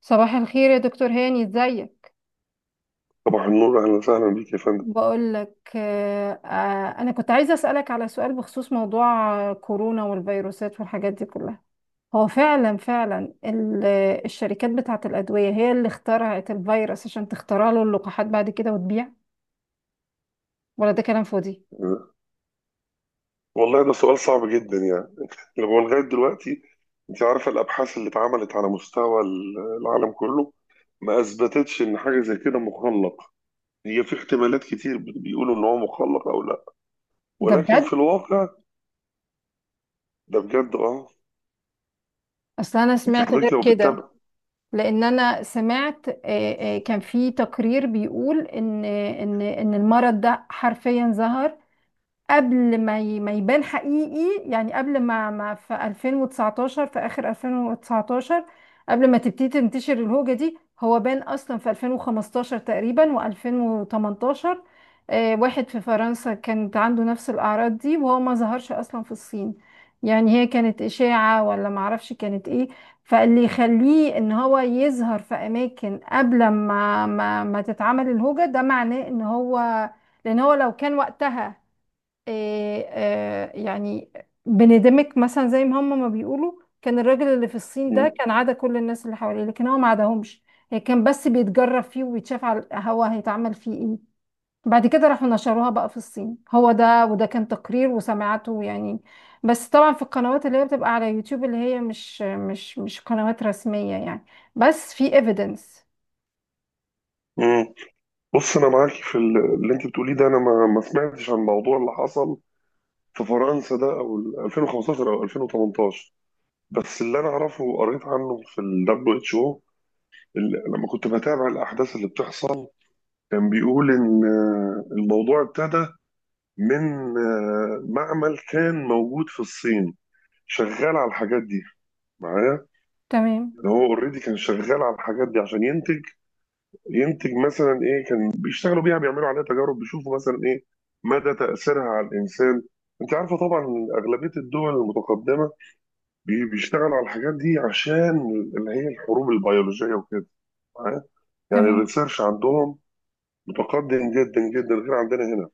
صباح الخير يا دكتور هاني، ازيك؟ صباح النور، اهلا وسهلا بيك يا فندم. بقول لك انا كنت عايزه اسالك على سؤال بخصوص موضوع كورونا والفيروسات والحاجات دي كلها. هو فعلا الشركات بتاعه الادويه هي اللي اخترعت الفيروس عشان تخترع له اللقاحات بعد كده وتبيع، ولا ده كلام فاضي؟ والله ده سؤال صعب جدا يعني. لو هو لغايه دلوقتي، انت عارفه الابحاث اللي اتعملت على مستوى العالم كله، ما اثبتتش ان حاجه زي كده مخلق. هي في احتمالات كتير بيقولوا ان هو مخلق او لا، ده ولكن بجد؟ في الواقع ده بجد اه. اصل انا انت سمعت غير حضرتك لو كده، بتتابع. لان انا سمعت كان في تقرير بيقول ان آه، ان ان المرض ده حرفيا ظهر قبل ما يبان حقيقي، يعني قبل ما في 2019، في آخر 2019 قبل ما تبتدي تنتشر الهوجة دي. هو بان أصلا في 2015 تقريبا و2018. آه، واحد في فرنسا كانت عنده نفس الأعراض دي، وهو ما ظهرش أصلا في الصين. يعني هي كانت إشاعة ولا معرفش كانت إيه. فاللي يخليه إن هو يظهر في أماكن قبل ما ما تتعمل الهوجة، ده معناه إن هو، لأن هو لو كان وقتها، آه، يعني بندمج مثلا زي ما هم ما بيقولوا، كان الراجل اللي في الصين مم. ده كان عدا كل الناس اللي حواليه لكن هو ما عداهمش. هي كان بس بيتجرب فيه وبيتشاف على هو هيتعمل فيه ايه. بعد كده راحوا نشروها بقى في الصين. هو ده، وده كان تقرير وسمعته يعني، بس طبعا في القنوات اللي هي بتبقى على يوتيوب، اللي هي مش قنوات رسمية يعني، بس في evidence. مم. بص انا معاكي في اللي انت بتقوليه ده، انا ما سمعتش عن الموضوع اللي حصل في فرنسا ده، او ال 2015 او 2018. بس اللي انا اعرفه وقريت عنه في ال WHO، لما كنت بتابع الأحداث اللي بتحصل، كان بيقول إن الموضوع ابتدى من معمل كان موجود في الصين شغال على الحاجات دي. معايا؟ تمام، إن هو اوريدي كان شغال على الحاجات دي عشان ينتج. ينتج مثلا ايه؟ كان بيشتغلوا بيها، بيعملوا عليها تجارب، بيشوفوا مثلا ايه مدى تأثيرها على الإنسان. انت عارفه طبعا أغلبية الدول المتقدمة بيشتغلوا على الحاجات دي عشان اللي هي الحروب البيولوجية وكده. معايا؟ يعني تمام. الريسيرش عندهم متقدم جدا جدا غير عندنا هنا.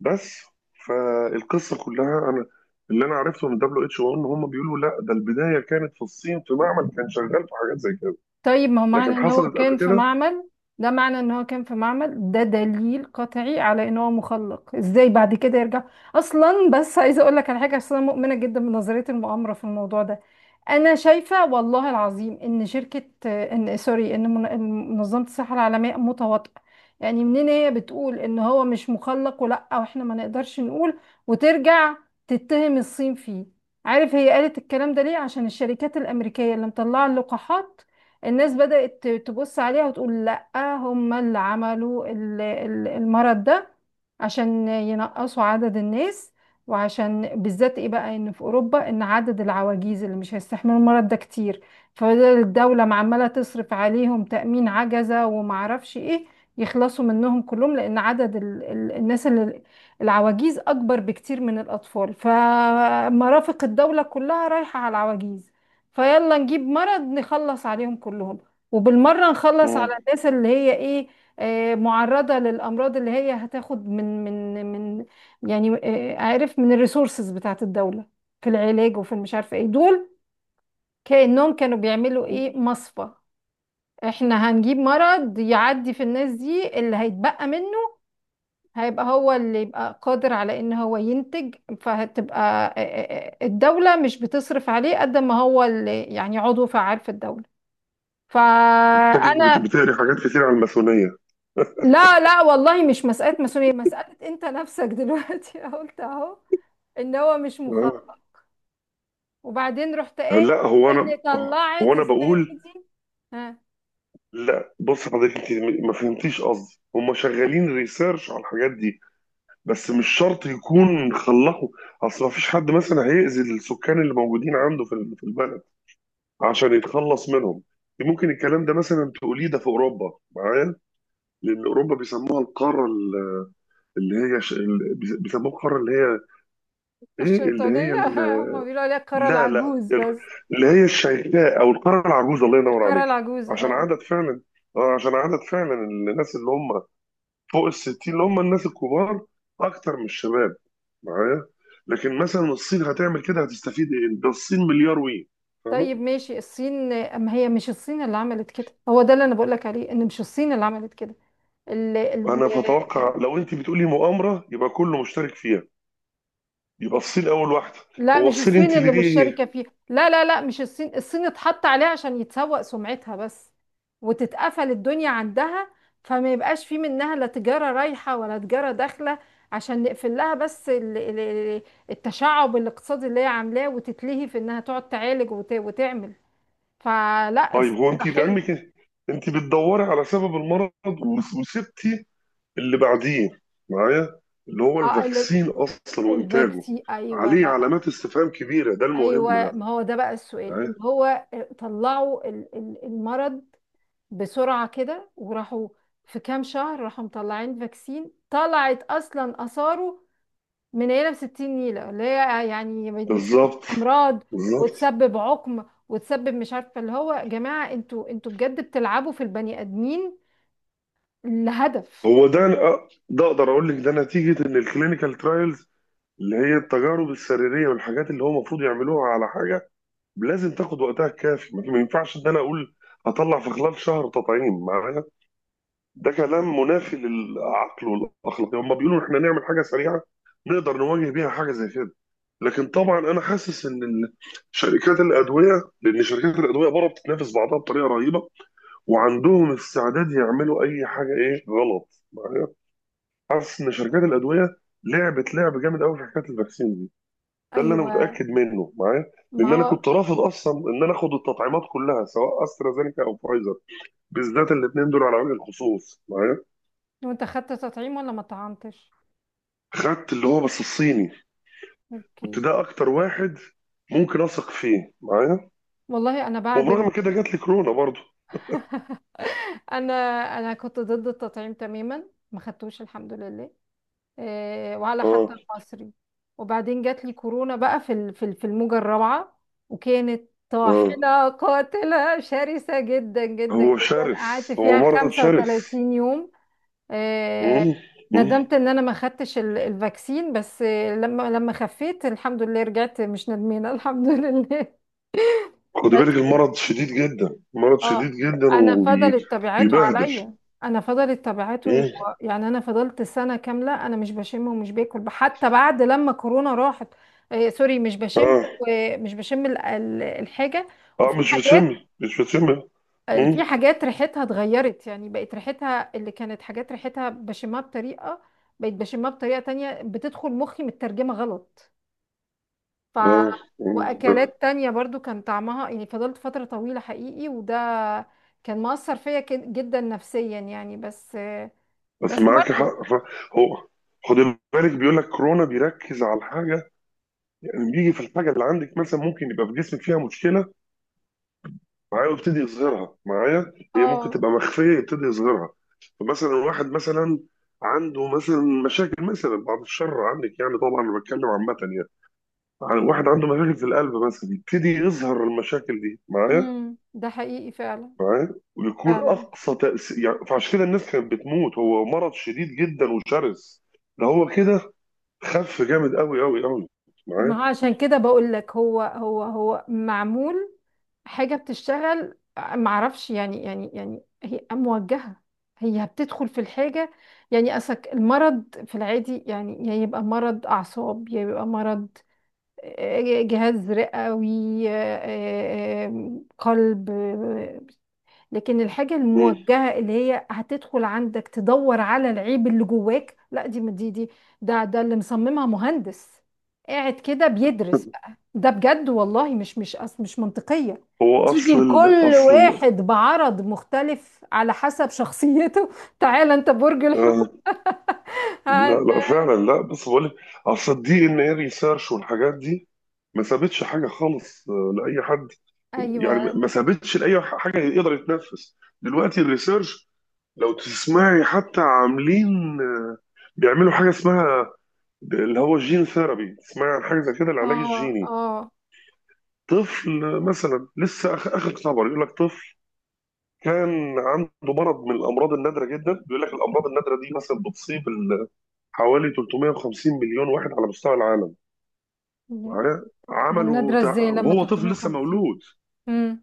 بس فالقصه كلها انا، اللي انا عرفته من دبليو اتش او ان هم بيقولوا لا، ده البدايه كانت في الصين، في معمل كان شغال في حاجات زي كده، طيب ما هو معنى لكن ان هو حصلت قبل كان في كده. معمل، ده معنى ان هو كان في معمل، ده دليل قطعي على ان هو مخلق. ازاي بعد كده يرجع؟ اصلا بس عايزه اقول لك على حاجه، عشان انا مؤمنه جدا بنظريه المؤامره في الموضوع ده. انا شايفه والله العظيم ان شركه، ان سوري ان من- إن منظمه الصحه العالميه متواطئه. يعني منين هي بتقول ان هو مش مخلق، ولا واحنا ما نقدرش نقول وترجع تتهم الصين فيه؟ عارف هي قالت الكلام ده ليه؟ عشان الشركات الامريكيه اللي مطلعه اللقاحات الناس بدأت تبص عليها وتقول لأ، هم اللي عملوا المرض ده عشان ينقصوا عدد الناس، وعشان بالذات ايه بقى، ان في اوروبا ان عدد العواجيز اللي مش هيستحملوا المرض ده كتير، فالدولة عمالة تصرف عليهم تأمين عجزة ومعرفش ايه، يخلصوا منهم كلهم. لان عدد ال ال الناس اللي، العواجيز، اكبر بكتير من الاطفال، فمرافق الدولة كلها رايحة على العواجيز. فيلا نجيب مرض نخلص عليهم كلهم، وبالمرة نخلص على مم. الناس اللي هي ايه، معرضة للأمراض، اللي هي هتاخد من يعني، عارف، من الريسورسز بتاعت الدولة في العلاج وفي المش عارفة ايه دول. كأنهم كانوا بيعملوا ايه، مصفى. احنا هنجيب مرض يعدي في الناس دي، اللي هيتبقى منه هيبقى هو اللي يبقى قادر على ان هو ينتج، فهتبقى الدولة مش بتصرف عليه قد ما هو اللي يعني عضو فعال في الدولة. شكلك فانا، بتقري حاجات كتير عن الماسونيه. لا لا والله، مش مسألة ماسونية، مسألة انت نفسك دلوقتي قلت اهو ان هو مش آه. مخاطر، وبعدين رحت ايه؟ لا هو انا، ان هو طلعت انا اسمها بقول، ايه دي؟ ها؟ لا بص حضرتك، انت ما فهمتيش قصدي. هم شغالين ريسيرش على الحاجات دي، بس مش شرط يكون خلصوا. اصل ما فيش حد مثلا هيأذي السكان اللي موجودين عنده في في البلد عشان يتخلص منهم. ممكن الكلام ده مثلا تقوليه ده في اوروبا. معايا؟ لان اوروبا بيسموها القاره ال- اللي هي ش... ال- بيس- بيسموها القاره اللي هي ايه، اللي هي... الشيطانية ال... هما بيقولوا عليها الكرة لا لا العجوز بس. اللي هي الشيخاء او القاره العجوزه، الله ينور الكرة عليك. العجوز، عشان اه. عدد فعلا، اه عشان عدد فعلا الناس اللي هم فوق ال 60، اللي هم الناس الكبار، اكتر من الشباب. معايا؟ لكن مثلا الصين هتعمل كده هتستفيد ايه؟ ده الصين مليار وي. طيب ماشي، الصين، اما هي مش الصين اللي عملت كده، هو ده اللي انا بقول لك عليه، ان مش الصين اللي عملت كده. ال ال انا بتوقع لو انت بتقولي مؤامره يبقى كله مشترك فيها، يبقى الصين اول واحده. لا، هو مش الصين الصين انت اللي مش مشتركة ليه؟ فيه. لا لا لا، مش الصين، الصين اتحط عليها عشان يتسوق سمعتها بس وتتقفل الدنيا عندها، فما يبقاش في منها لا تجارة رايحة ولا تجارة داخلة، عشان نقفل لها بس التشعب الاقتصادي اللي هي عاملاه، وتتلهي في انها تقعد تعالج وتعمل. فلا، طيب هو الصين انت ضحية. لعلمك إيه؟ انت بتدوري على سبب المرض وسبتي اللي بعديه. معايا؟ اللي هو اه الفاكسين اصلا، وانتاجه الفاكسي، ايوه عليه بقى. علامات استفهام كبيره، ده المهم ايوه، ده. ما هو ده بقى السؤال، ان معايا؟ هو طلعوا المرض بسرعة كده، وراحوا في كام شهر راحوا مطلعين فاكسين، طلعت أصلا آثاره من نيلة بستين نيلة، اللي هي يعني بالظبط. أمراض، بالظبط. وتسبب عقم، وتسبب مش عارفة اللي هو. يا جماعة، انتوا بجد بتلعبوا في البني آدمين لهدف. هو ده ده اقدر اقول لك ده نتيجه ان الكلينيكال ترايلز اللي هي التجارب السريريه والحاجات اللي هو المفروض يعملوها على حاجه، لازم تاخد وقتها الكافي. ما ينفعش ان انا اقول هطلع في خلال شهر تطعيم. معايا؟ ده كلام منافي للعقل والاخلاق. هم بيقولوا احنا نعمل حاجه سريعه نقدر نواجه بيها حاجه زي كده، لكن طبعا انا حاسس ان شركات الادويه، لان شركات الادويه بره بتتنافس بعضها بطريقه رهيبه، وعندهم استعداد يعملوا اي حاجه، ايه غلط. معايا؟ حاسس ان شركات الادويه لعبت لعب جامد قوي في حكايه الفاكسين دي. ده اللي انا أيوة. متاكد منه. معايا؟ ما لان انا هو. كنت رافض اصلا ان انا اخد التطعيمات كلها، سواء استرازينيكا او فايزر، بالذات الاثنين دول على وجه الخصوص. معايا؟ وانت خدت تطعيم ولا ما طعمتش؟ خدت اللي هو بس الصيني. كنت اوكي. ده اكتر واحد ممكن اثق فيه. معايا؟ والله انا بعد ال... وبرغم كده جات لي كورونا برضو. انا انا كنت ضد التطعيم تماما، ما خدتوش الحمد لله، وعلى اه. حتى المصري. وبعدين جات لي كورونا بقى في في الموجة الرابعة، وكانت اه. طاحنة قاتلة شرسة جدا جدا هو جدا، قعدت شرس، هو فيها مرض شرس. 35 يوم. آه، مم. مم. ندمت ان انا ما خدتش الفاكسين، بس لما خفيت الحمد لله رجعت مش ندمانة الحمد لله. خد بالك، المرض شديد جدا، مرض شديد اه. جدا انا فضلت تبعته وبيبهدل. عليا، انا فضلت تبعته. اه. يعني انا فضلت سنه كامله انا مش بشم ومش باكل حتى بعد لما كورونا راحت. آه، سوري، مش بشم، ومش بشم الحاجه. اه وفي مش حاجات، بتشمي، مش بتشمي. في حاجات ريحتها اتغيرت، يعني بقت ريحتها اللي كانت حاجات ريحتها بشمها بطريقه، بقت بشمها بطريقه تانية، بتدخل مخي مترجمه غلط. ف اه. آه. واكلات تانية برضو كان طعمها يعني، فضلت فترة طويلة حقيقي، وده كان مؤثر فيا جدا نفسيا يعني. بس، بس بس معاك برضو. حق هو خد بالك، بيقول لك كورونا بيركز على الحاجه. يعني بيجي في الحاجه اللي عندك، مثلا ممكن يبقى في جسمك فيها مشكله، معايا، ويبتدي يظهرها. معايا؟ هي ممكن اه. تبقى مخفيه يبتدي يظهرها. فمثلا واحد مثلا عنده مثلا مشاكل، مثلا بعد الشر عنك، يعني طبعا انا بتكلم عامه يعني، واحد عنده مشاكل في القلب مثلا، يبتدي يظهر المشاكل دي. معايا؟ امم، ده حقيقي فعلا. معايا؟ ويكون فعلا. اقصى تاثير يعني، فعشان كده الناس كانت بتموت. هو مرض شديد جدا وشرس، ده هو كده، خف جامد قوي قوي قوي. ما معايا؟ هو عشان كده بقول لك، هو معمول، حاجة بتشتغل، معرفش يعني، يعني هي موجهة، هي بتدخل في الحاجة. يعني أسك المرض في العادي يعني، يا يبقى مرض أعصاب، يا يبقى مرض جهاز رئوي، قلب، لكن الحاجة مم. الموجهة اللي هي هتدخل عندك تدور على العيب اللي جواك، لا. دي دي دي ده، ده اللي مصممها مهندس قاعد كده بيدرس بقى. ده بجد والله مش، مش منطقية. هو تيجي اصل ال... لكل اصل ال... واحد بعرض مختلف على حسب شخصيته تعالى انت برج الحوت. آه. لا هن- لا فعلا، لا بص بقول لك، اصل الدي ان ايه ريسيرش والحاجات دي ما سابتش حاجه خالص لاي حد. يعني ايوه. ما سابتش لاي حاجه يقدر يتنفس. دلوقتي الريسيرش لو تسمعي حتى، عاملين، آه، بيعملوا حاجه اسمها اللي هو الجين ثيرابي. تسمعي عن حاجه زي كده، العلاج اه. الجيني. اه. طفل مثلا لسه اخر خبر يقول لك طفل كان عنده مرض من الامراض النادره جدا. بيقول لك الامراض النادره دي مثلا بتصيب حوالي 350 مليون واحد على مستوى العالم. معايا؟ عملوا والنادرة ازاي لما وهو طفل 350؟ لسه مولود. امم.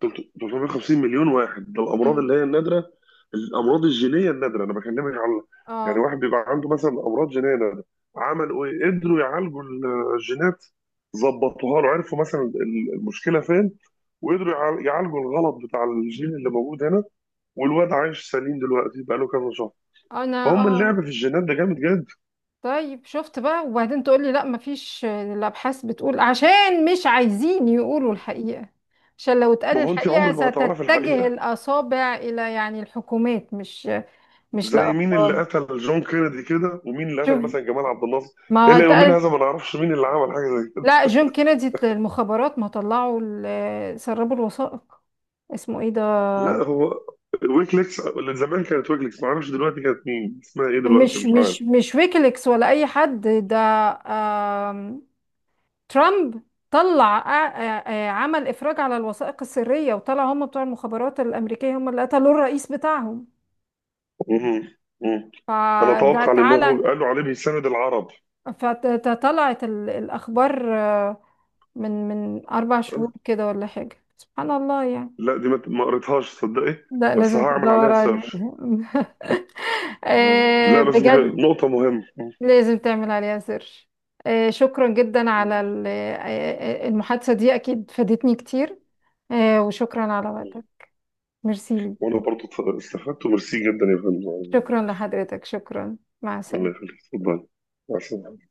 350 مليون واحد ده الامراض امم. اللي هي النادره، الامراض الجينيه النادره انا بكلمك على، يعني اه. واحد بيبقى عنده مثلا امراض جينيه نادره. عملوا ايه؟ قدروا يعالجوا الجينات، ظبطوها له، عرفوا مثلا المشكله فين، وقدروا يعالجوا الغلط بتاع الجين اللي موجود هنا، والواد عايش سليم دلوقتي، بقى له كذا شهر. اه، انا فهم اللعب اه. في الجينات ده جامد جدا. طيب شفت بقى، وبعدين تقول لي لا مفيش، الابحاث بتقول، عشان مش عايزين يقولوا الحقيقه، عشان لو اتقال ما هو انت الحقيقه عمرك ما هتعرفي ستتجه الحقيقه. الاصابع الى يعني الحكومات، مش مش زي مين اللي لافراد. قتل جون كينيدي كده، ومين اللي قتل شوف. مثلا جمال عبد الناصر. ما الى يومين اتقال. هذا ما نعرفش مين اللي عمل حاجه زي. لا، جون كينيدي المخابرات ما طلعوا سربوا الوثائق، اسمه ايه ده. لا هو ويكليكس، اللي زمان كانت ويكليكس ما اعرفش دلوقتي كانت مين، اسمها ايه دلوقتي مش مش عارف. مش مش ويكيليكس ولا اي حد، ده ترامب، طلع آ- آ- عمل إفراج على الوثائق السرية، وطلع هم بتوع المخابرات الأمريكية هم اللي قتلوا الرئيس بتاعهم. مهم. مهم. انا فده، اتوقع لان هو تعالى، قالوا عليه بيساند العرب. فطلعت الأخبار من أربع شهور كده ولا حاجة، سبحان الله يعني. لا دي ما قريتهاش تصدقي، لا بس لازم هعمل تدور عليها عليه سيرش. لا بس دي بجد. نقطة مهمة. لازم تعمل عليها سيرش. شكرا جدا مم. على المحادثة دي، أكيد فادتني كتير. وشكرا على وقتك. ميرسي وانا ليك. برضو استفدت، وميرسي جدا يا فندم. شكرا لحضرتك، شكرا، مع الله السلامة. يخليك، اتفضل. مع السلامة.